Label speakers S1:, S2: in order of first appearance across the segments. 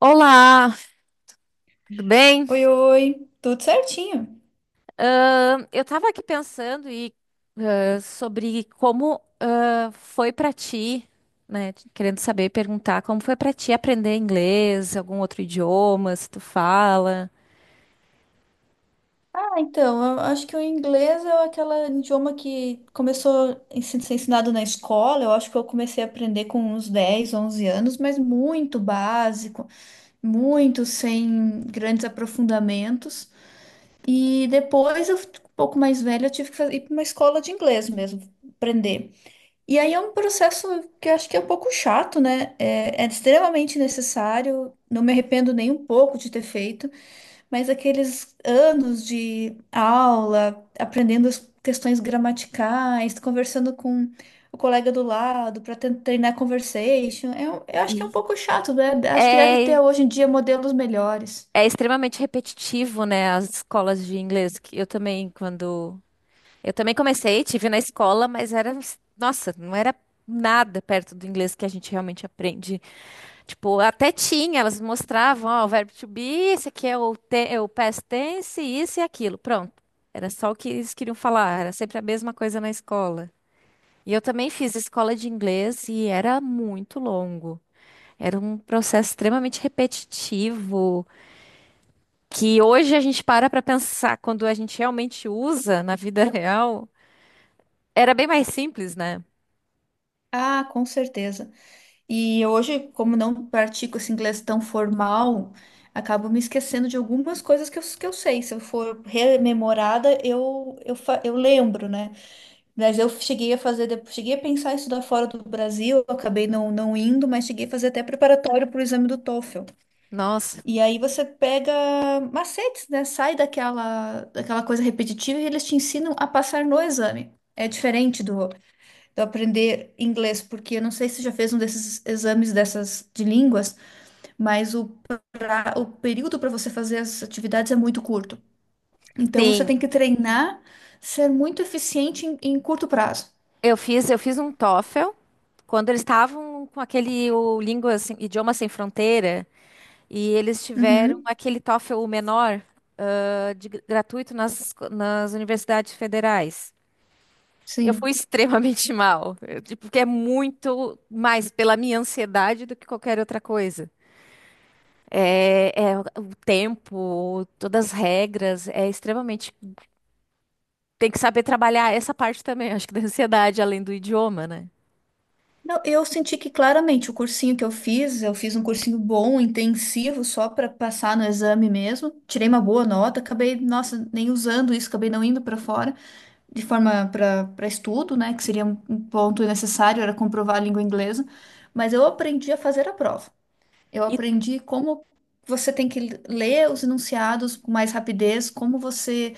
S1: Olá, tudo bem?
S2: Oi, oi, tudo certinho?
S1: Eu estava aqui pensando sobre como foi para ti, né? Querendo saber e perguntar como foi para ti aprender inglês, algum outro idioma, se tu fala.
S2: Ah, então, eu acho que o inglês é aquele idioma que começou a ser ensinado na escola. Eu acho que eu comecei a aprender com uns 10, 11 anos, mas muito básico, muito sem grandes aprofundamentos. E depois, eu, um pouco mais velha, eu tive que ir para uma escola de inglês mesmo, aprender. E aí é um processo que eu acho que é um pouco chato, né? É extremamente necessário, não me arrependo nem um pouco de ter feito. Mas aqueles anos de aula, aprendendo as questões gramaticais, conversando com o colega do lado para treinar conversation, eu acho
S1: E
S2: que é um pouco chato, né? Acho que deve ter
S1: é,
S2: hoje em dia modelos melhores.
S1: É extremamente repetitivo, né? As escolas de inglês que eu também comecei, tive na escola, mas era, nossa, não era nada perto do inglês que a gente realmente aprende. Tipo, até tinha, elas mostravam, ó, o verbo to be, esse aqui é é o past tense, isso e aquilo. Pronto. Era só o que eles queriam falar, era sempre a mesma coisa na escola. E eu também fiz escola de inglês e era muito longo. Era um processo extremamente repetitivo, que hoje a gente para pensar quando a gente realmente usa na vida real. Era bem mais simples, né?
S2: Ah, com certeza. E hoje, como não pratico esse inglês tão formal, acabo me esquecendo de algumas coisas que eu sei. Se eu for rememorada, eu lembro, né? Mas eu cheguei a fazer, depois- cheguei a pensar em estudar fora do Brasil, acabei não indo, mas cheguei a fazer até preparatório para o exame do TOEFL.
S1: Nossa.
S2: E aí você pega macetes, né? Sai daquela coisa repetitiva e eles te ensinam a passar no exame. É diferente do aprender inglês, porque eu não sei se você já fez um desses exames dessas de línguas, mas o período para você fazer as atividades é muito curto. Então você
S1: Sim,
S2: tem que treinar, ser muito eficiente em curto prazo.
S1: eu fiz um TOEFL. Quando eles estavam com aquele o língua sem, idioma sem fronteira e eles tiveram
S2: Uhum,
S1: aquele TOEFL menor, gratuito nas universidades federais. Eu fui
S2: sim.
S1: extremamente mal, eu, tipo, porque é muito mais pela minha ansiedade do que qualquer outra coisa. É o tempo, todas as regras, é extremamente. Tem que saber trabalhar essa parte também, acho que da ansiedade, além do idioma, né?
S2: Não, eu senti que claramente o cursinho que eu fiz um cursinho bom, intensivo, só para passar no exame mesmo. Tirei uma boa nota, acabei, nossa, nem usando isso, acabei não indo para fora, de forma para estudo, né, que seria um ponto necessário, era comprovar a língua inglesa. Mas eu aprendi a fazer a prova. Eu
S1: E
S2: aprendi como você tem que ler os enunciados com mais rapidez, como você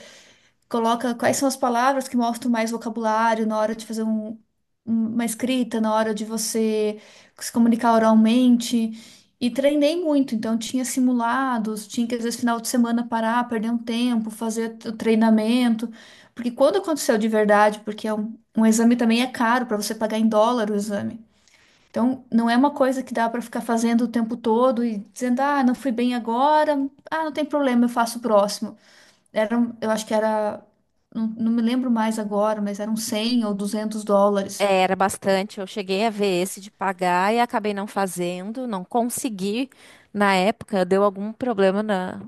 S2: coloca quais são as palavras que mostram mais vocabulário na hora de fazer uma escrita, na hora de você se comunicar oralmente. E treinei muito, então tinha simulados, tinha que às vezes final de semana parar, perder um tempo, fazer o treinamento. Porque quando aconteceu de verdade, porque é um exame também é caro para você pagar em dólar o exame. Então, não é uma coisa que dá para ficar fazendo o tempo todo e dizendo, ah, não fui bem agora, ah, não tem problema, eu faço o próximo eram, eu acho que era, não me lembro mais agora, mas eram 100 ou 200 dólares.
S1: Era bastante. Eu cheguei a ver esse de pagar e acabei não fazendo, não consegui na época. Deu algum problema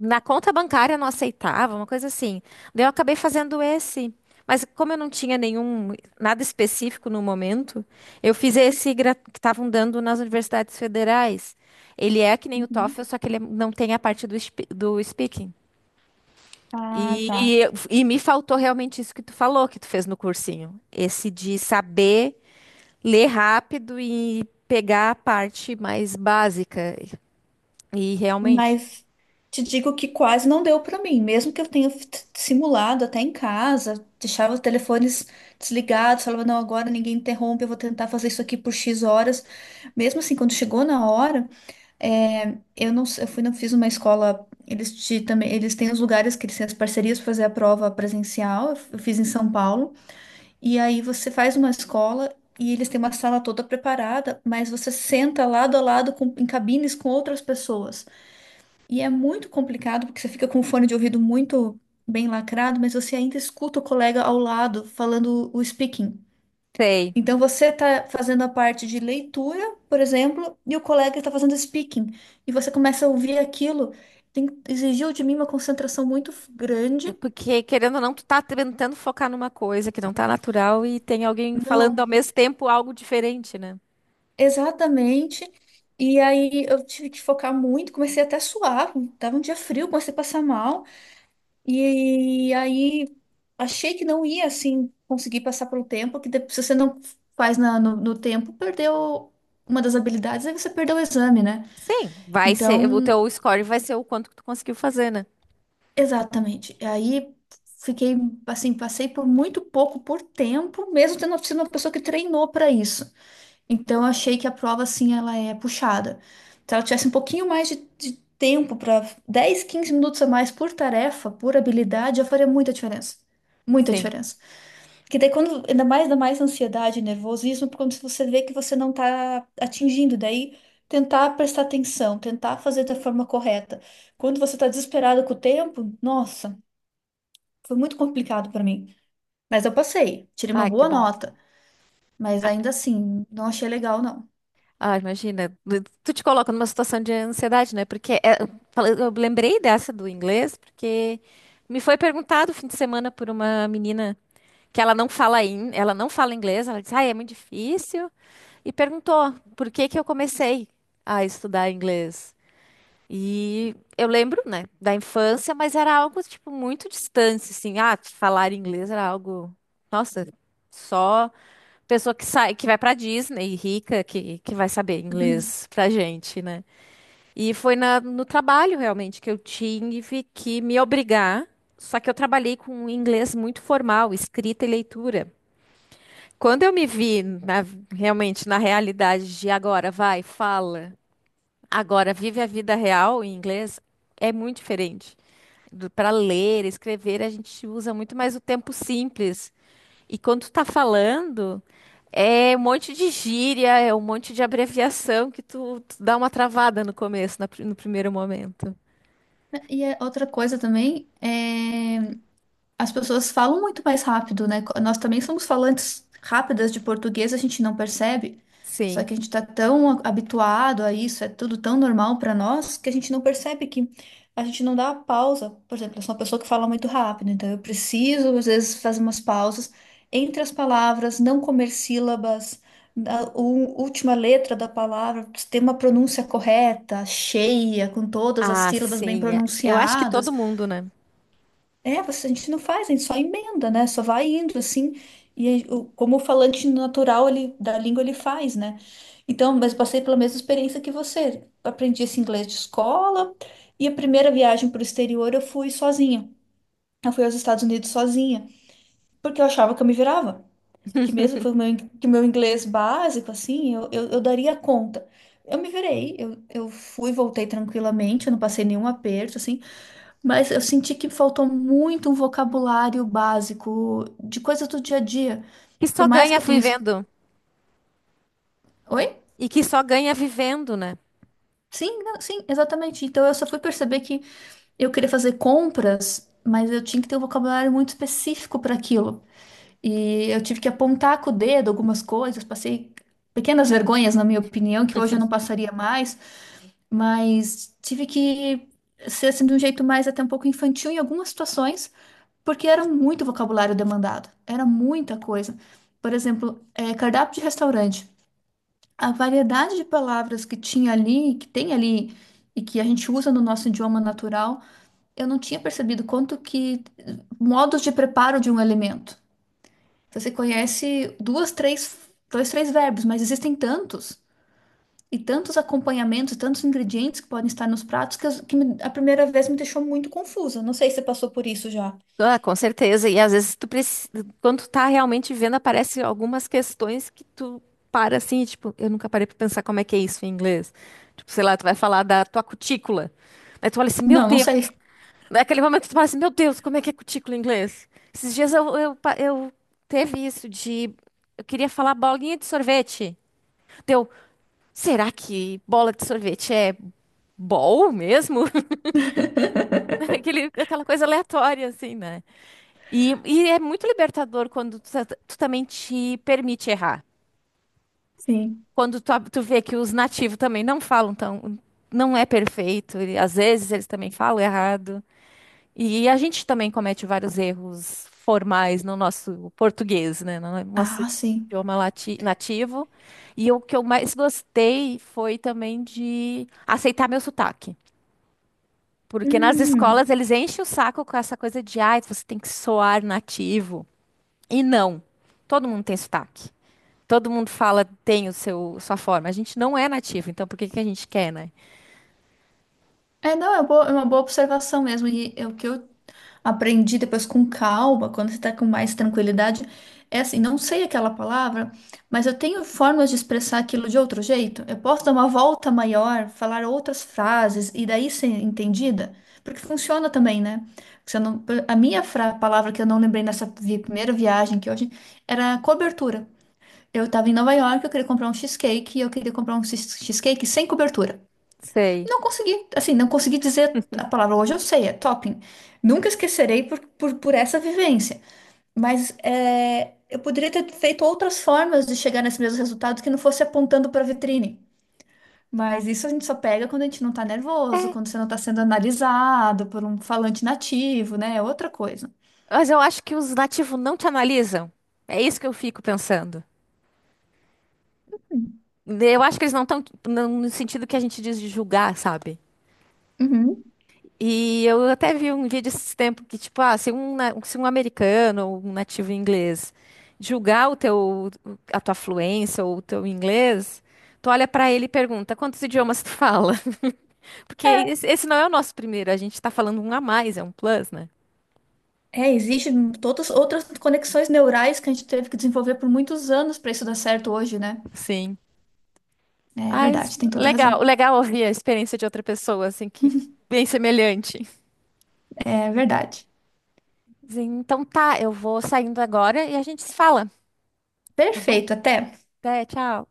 S1: na conta bancária, não aceitava, uma coisa assim. Daí eu acabei fazendo esse. Mas como eu não tinha nenhum, nada específico no momento, eu fiz esse que estavam dando nas universidades federais. Ele é que nem o
S2: Uhum.
S1: TOEFL, só que ele é, não tem a parte do speaking.
S2: Ah, tá.
S1: E, e me faltou realmente isso que tu falou, que tu fez no cursinho. Esse de saber. Ler rápido e pegar a parte mais básica. E realmente,
S2: Mas te digo que quase não deu pra mim, mesmo que eu tenha simulado até em casa, deixava os telefones desligados, falava, não, agora ninguém interrompe, eu vou tentar fazer isso aqui por X horas. Mesmo assim, quando chegou na hora, é, eu fui, não fiz uma escola, eles te, também, eles têm os lugares que eles têm as parcerias para fazer a prova presencial, eu fiz em São Paulo. E aí você faz uma escola e eles têm uma sala toda preparada, mas você senta lado a lado com- em cabines com outras pessoas. E é muito complicado porque você fica com o fone de ouvido muito bem lacrado, mas você ainda escuta o colega ao lado falando o speaking.
S1: sei.
S2: Então você está fazendo a parte de leitura, por exemplo, e o colega está fazendo speaking. E você começa a ouvir aquilo. Exigiu de mim uma concentração muito
S1: É.
S2: grande.
S1: Porque, querendo ou não, tu tá tentando focar numa coisa que não tá natural e tem alguém falando ao
S2: Não,
S1: mesmo tempo algo diferente, né?
S2: exatamente. E aí eu tive que focar muito, comecei até a suar, tava um dia frio, comecei a passar mal. E aí achei que não ia assim conseguir passar pelo tempo, que depois, se você não faz no tempo, perdeu uma das habilidades, aí você perdeu o exame, né?
S1: Sim, vai ser, o
S2: Então,
S1: teu score vai ser o quanto que tu conseguiu fazer, né?
S2: exatamente. E aí fiquei assim, passei por muito pouco por tempo, mesmo tendo sido uma pessoa que treinou para isso. Então, eu achei que a prova, assim, ela é puxada. Se ela tivesse um pouquinho mais de tempo para 10, 15 minutos a mais por tarefa, por habilidade, já faria muita diferença. Muita
S1: Sim.
S2: diferença. Que daí, quando, ainda mais ansiedade e nervosismo, quando você vê que você não está atingindo, daí tentar prestar atenção, tentar fazer da forma correta. Quando você está desesperado com o tempo, nossa, foi muito complicado para mim. Mas eu passei, tirei uma
S1: Ah, que
S2: boa
S1: bom.
S2: nota, mas
S1: Ah,
S2: ainda assim, não achei legal, não.
S1: ah, imagina, tu te coloca numa situação de ansiedade, né? Porque é, eu falei- eu lembrei dessa do inglês, porque me foi perguntado o fim de semana por uma menina que ela não ela não fala inglês, ela disse, ah, é muito difícil, e perguntou por que que eu comecei a estudar inglês. E eu lembro, né, da infância, mas era algo, tipo, muito distante, assim, ah, falar inglês era algo, nossa, só pessoa que sai, que vai pra Disney, rica, que vai saber inglês pra gente, né? E foi no trabalho, realmente, que eu tive que me obrigar, só que eu trabalhei com inglês muito formal, escrita e leitura. Quando eu realmente na realidade de agora, vai, fala, agora vive a vida real em inglês, é muito diferente. Para ler, escrever, a gente usa muito mais o tempo simples. E quando tu tá falando, é um monte de gíria, é um monte de abreviação que tu dá uma travada no começo, no primeiro momento.
S2: E é outra coisa também é. As pessoas falam muito mais rápido, né? Nós também somos falantes rápidas de português, a gente não percebe. Só
S1: Sim.
S2: que a gente está habituado a isso, é tudo tão normal para nós, que a gente não percebe que a gente não dá a pausa. Por exemplo, eu sou uma pessoa que fala muito rápido, então eu preciso, às vezes, fazer umas pausas entre as palavras, não comer sílabas, última letra da palavra, ter uma pronúncia correta, cheia, com todas as
S1: Ah,
S2: sílabas bem
S1: sim. É. Eu acho que
S2: pronunciadas.
S1: todo mundo, né?
S2: É, você, a gente não faz, a gente só emenda, né? Só vai indo assim. E aí, como o falante natural ele, da língua ele faz, né? Então, mas eu passei pela mesma experiência que você. Aprendi esse inglês de escola e a primeira viagem para o exterior eu fui sozinha. Eu fui aos Estados Unidos sozinha, porque eu achava que eu me virava. Que mesmo que que o meu inglês básico, assim, eu daria conta. Eu me virei, eu fui, voltei tranquilamente, eu não passei nenhum aperto, assim. Mas eu senti que faltou muito um vocabulário básico de coisas do dia a dia.
S1: Que
S2: Que Por
S1: só
S2: mais que
S1: ganha
S2: eu tenha. Es-
S1: vivendo.
S2: Oi?
S1: E que só ganha vivendo, né?
S2: Sim, não, sim, exatamente. Então eu só fui perceber que eu queria fazer compras, mas eu tinha que ter um vocabulário muito específico para aquilo. E eu tive que apontar com o dedo algumas coisas, passei pequenas vergonhas, na minha opinião, que hoje eu não passaria mais, mas tive que ser assim, de um jeito mais até um pouco infantil em algumas situações. Porque era muito vocabulário demandado, era muita coisa. Por exemplo, cardápio de restaurante. A variedade de palavras que tinha ali, que tem ali, e que a gente usa no nosso idioma natural, eu não tinha percebido quanto que modos de preparo de um elemento. Você conhece dois, três verbos, mas existem tantos, e tantos acompanhamentos, tantos ingredientes que podem estar nos pratos, que, a primeira vez me deixou muito confusa. Não sei se você passou por isso já.
S1: Ah, com certeza. E às vezes tu precisa, quando tu tá realmente vendo, aparecem algumas questões que tu para assim, e, tipo, eu nunca parei pra pensar como é que é isso em inglês. Tipo, sei lá, tu vai falar da tua cutícula. Aí tu olha assim, meu
S2: Não, não
S1: Deus.
S2: sei.
S1: Naquele momento tu fala assim, meu Deus, como é que é cutícula em inglês? Esses dias eu teve isso de. Eu queria falar bolinha de sorvete. Deu, será que bola de sorvete é bol mesmo? Aquela coisa aleatória, assim, né? E é muito libertador quando tu também te permite errar.
S2: Sim.
S1: Quando tu vê que os nativos também não falam tão, não é perfeito. E às vezes eles também falam errado. E a gente também comete vários erros formais no nosso português, né? No nosso
S2: Ah, sim.
S1: nativo. E o que eu mais gostei foi também de aceitar meu sotaque. Porque nas escolas
S2: Hum.
S1: eles enchem o saco com essa coisa de, ai, você tem que soar nativo. E não, todo mundo tem sotaque. Todo mundo fala, tem o seu, sua forma. A gente não é nativo, então por que que a gente quer, né?
S2: É, não, é boa- é uma boa observação mesmo. E é o que eu aprendi depois com calma, quando você tá com mais tranquilidade, é assim, não sei aquela palavra, mas eu tenho formas de expressar aquilo de outro jeito. Eu posso dar uma volta maior, falar outras frases e daí ser entendida, porque funciona também, né? Porque se eu não- a minha fra- palavra que eu não lembrei primeira viagem que hoje era cobertura. Eu estava em Nova York, eu queria comprar um cheesecake e eu queria comprar um cheesecake sem cobertura.
S1: Sei.
S2: Não consegui, assim, não consegui dizer a palavra. Hoje eu sei, é topping. Nunca esquecerei por essa vivência. Mas é, eu poderia ter feito outras formas de chegar nesse mesmo resultado que não fosse apontando para a vitrine. Mas isso a gente só pega quando a gente não tá nervoso, quando você não tá sendo analisado por um falante nativo, né? É outra coisa.
S1: Mas eu acho que os nativos não te analisam. É isso que eu fico pensando. Eu acho que eles não estão no sentido que a gente diz de julgar, sabe?
S2: Uhum.
S1: E eu até vi um vídeo esses tempos que, tipo, ah, se um americano ou um nativo inglês julgar o teu, a tua fluência ou o teu inglês, tu olha pra ele e pergunta, quantos idiomas tu fala? Porque esse não é o nosso primeiro, a gente tá falando um a mais, é um plus, né?
S2: É, existem todas outras conexões neurais que a gente teve que desenvolver por muitos anos para isso dar certo hoje, né?
S1: Sim.
S2: É
S1: Mas
S2: verdade, tem toda a razão.
S1: legal, legal ouvir a experiência de outra pessoa, assim, que bem semelhante.
S2: É verdade.
S1: Sim, então tá, eu vou saindo agora e a gente se fala, tá bom?
S2: Perfeito, até.
S1: Até, tchau.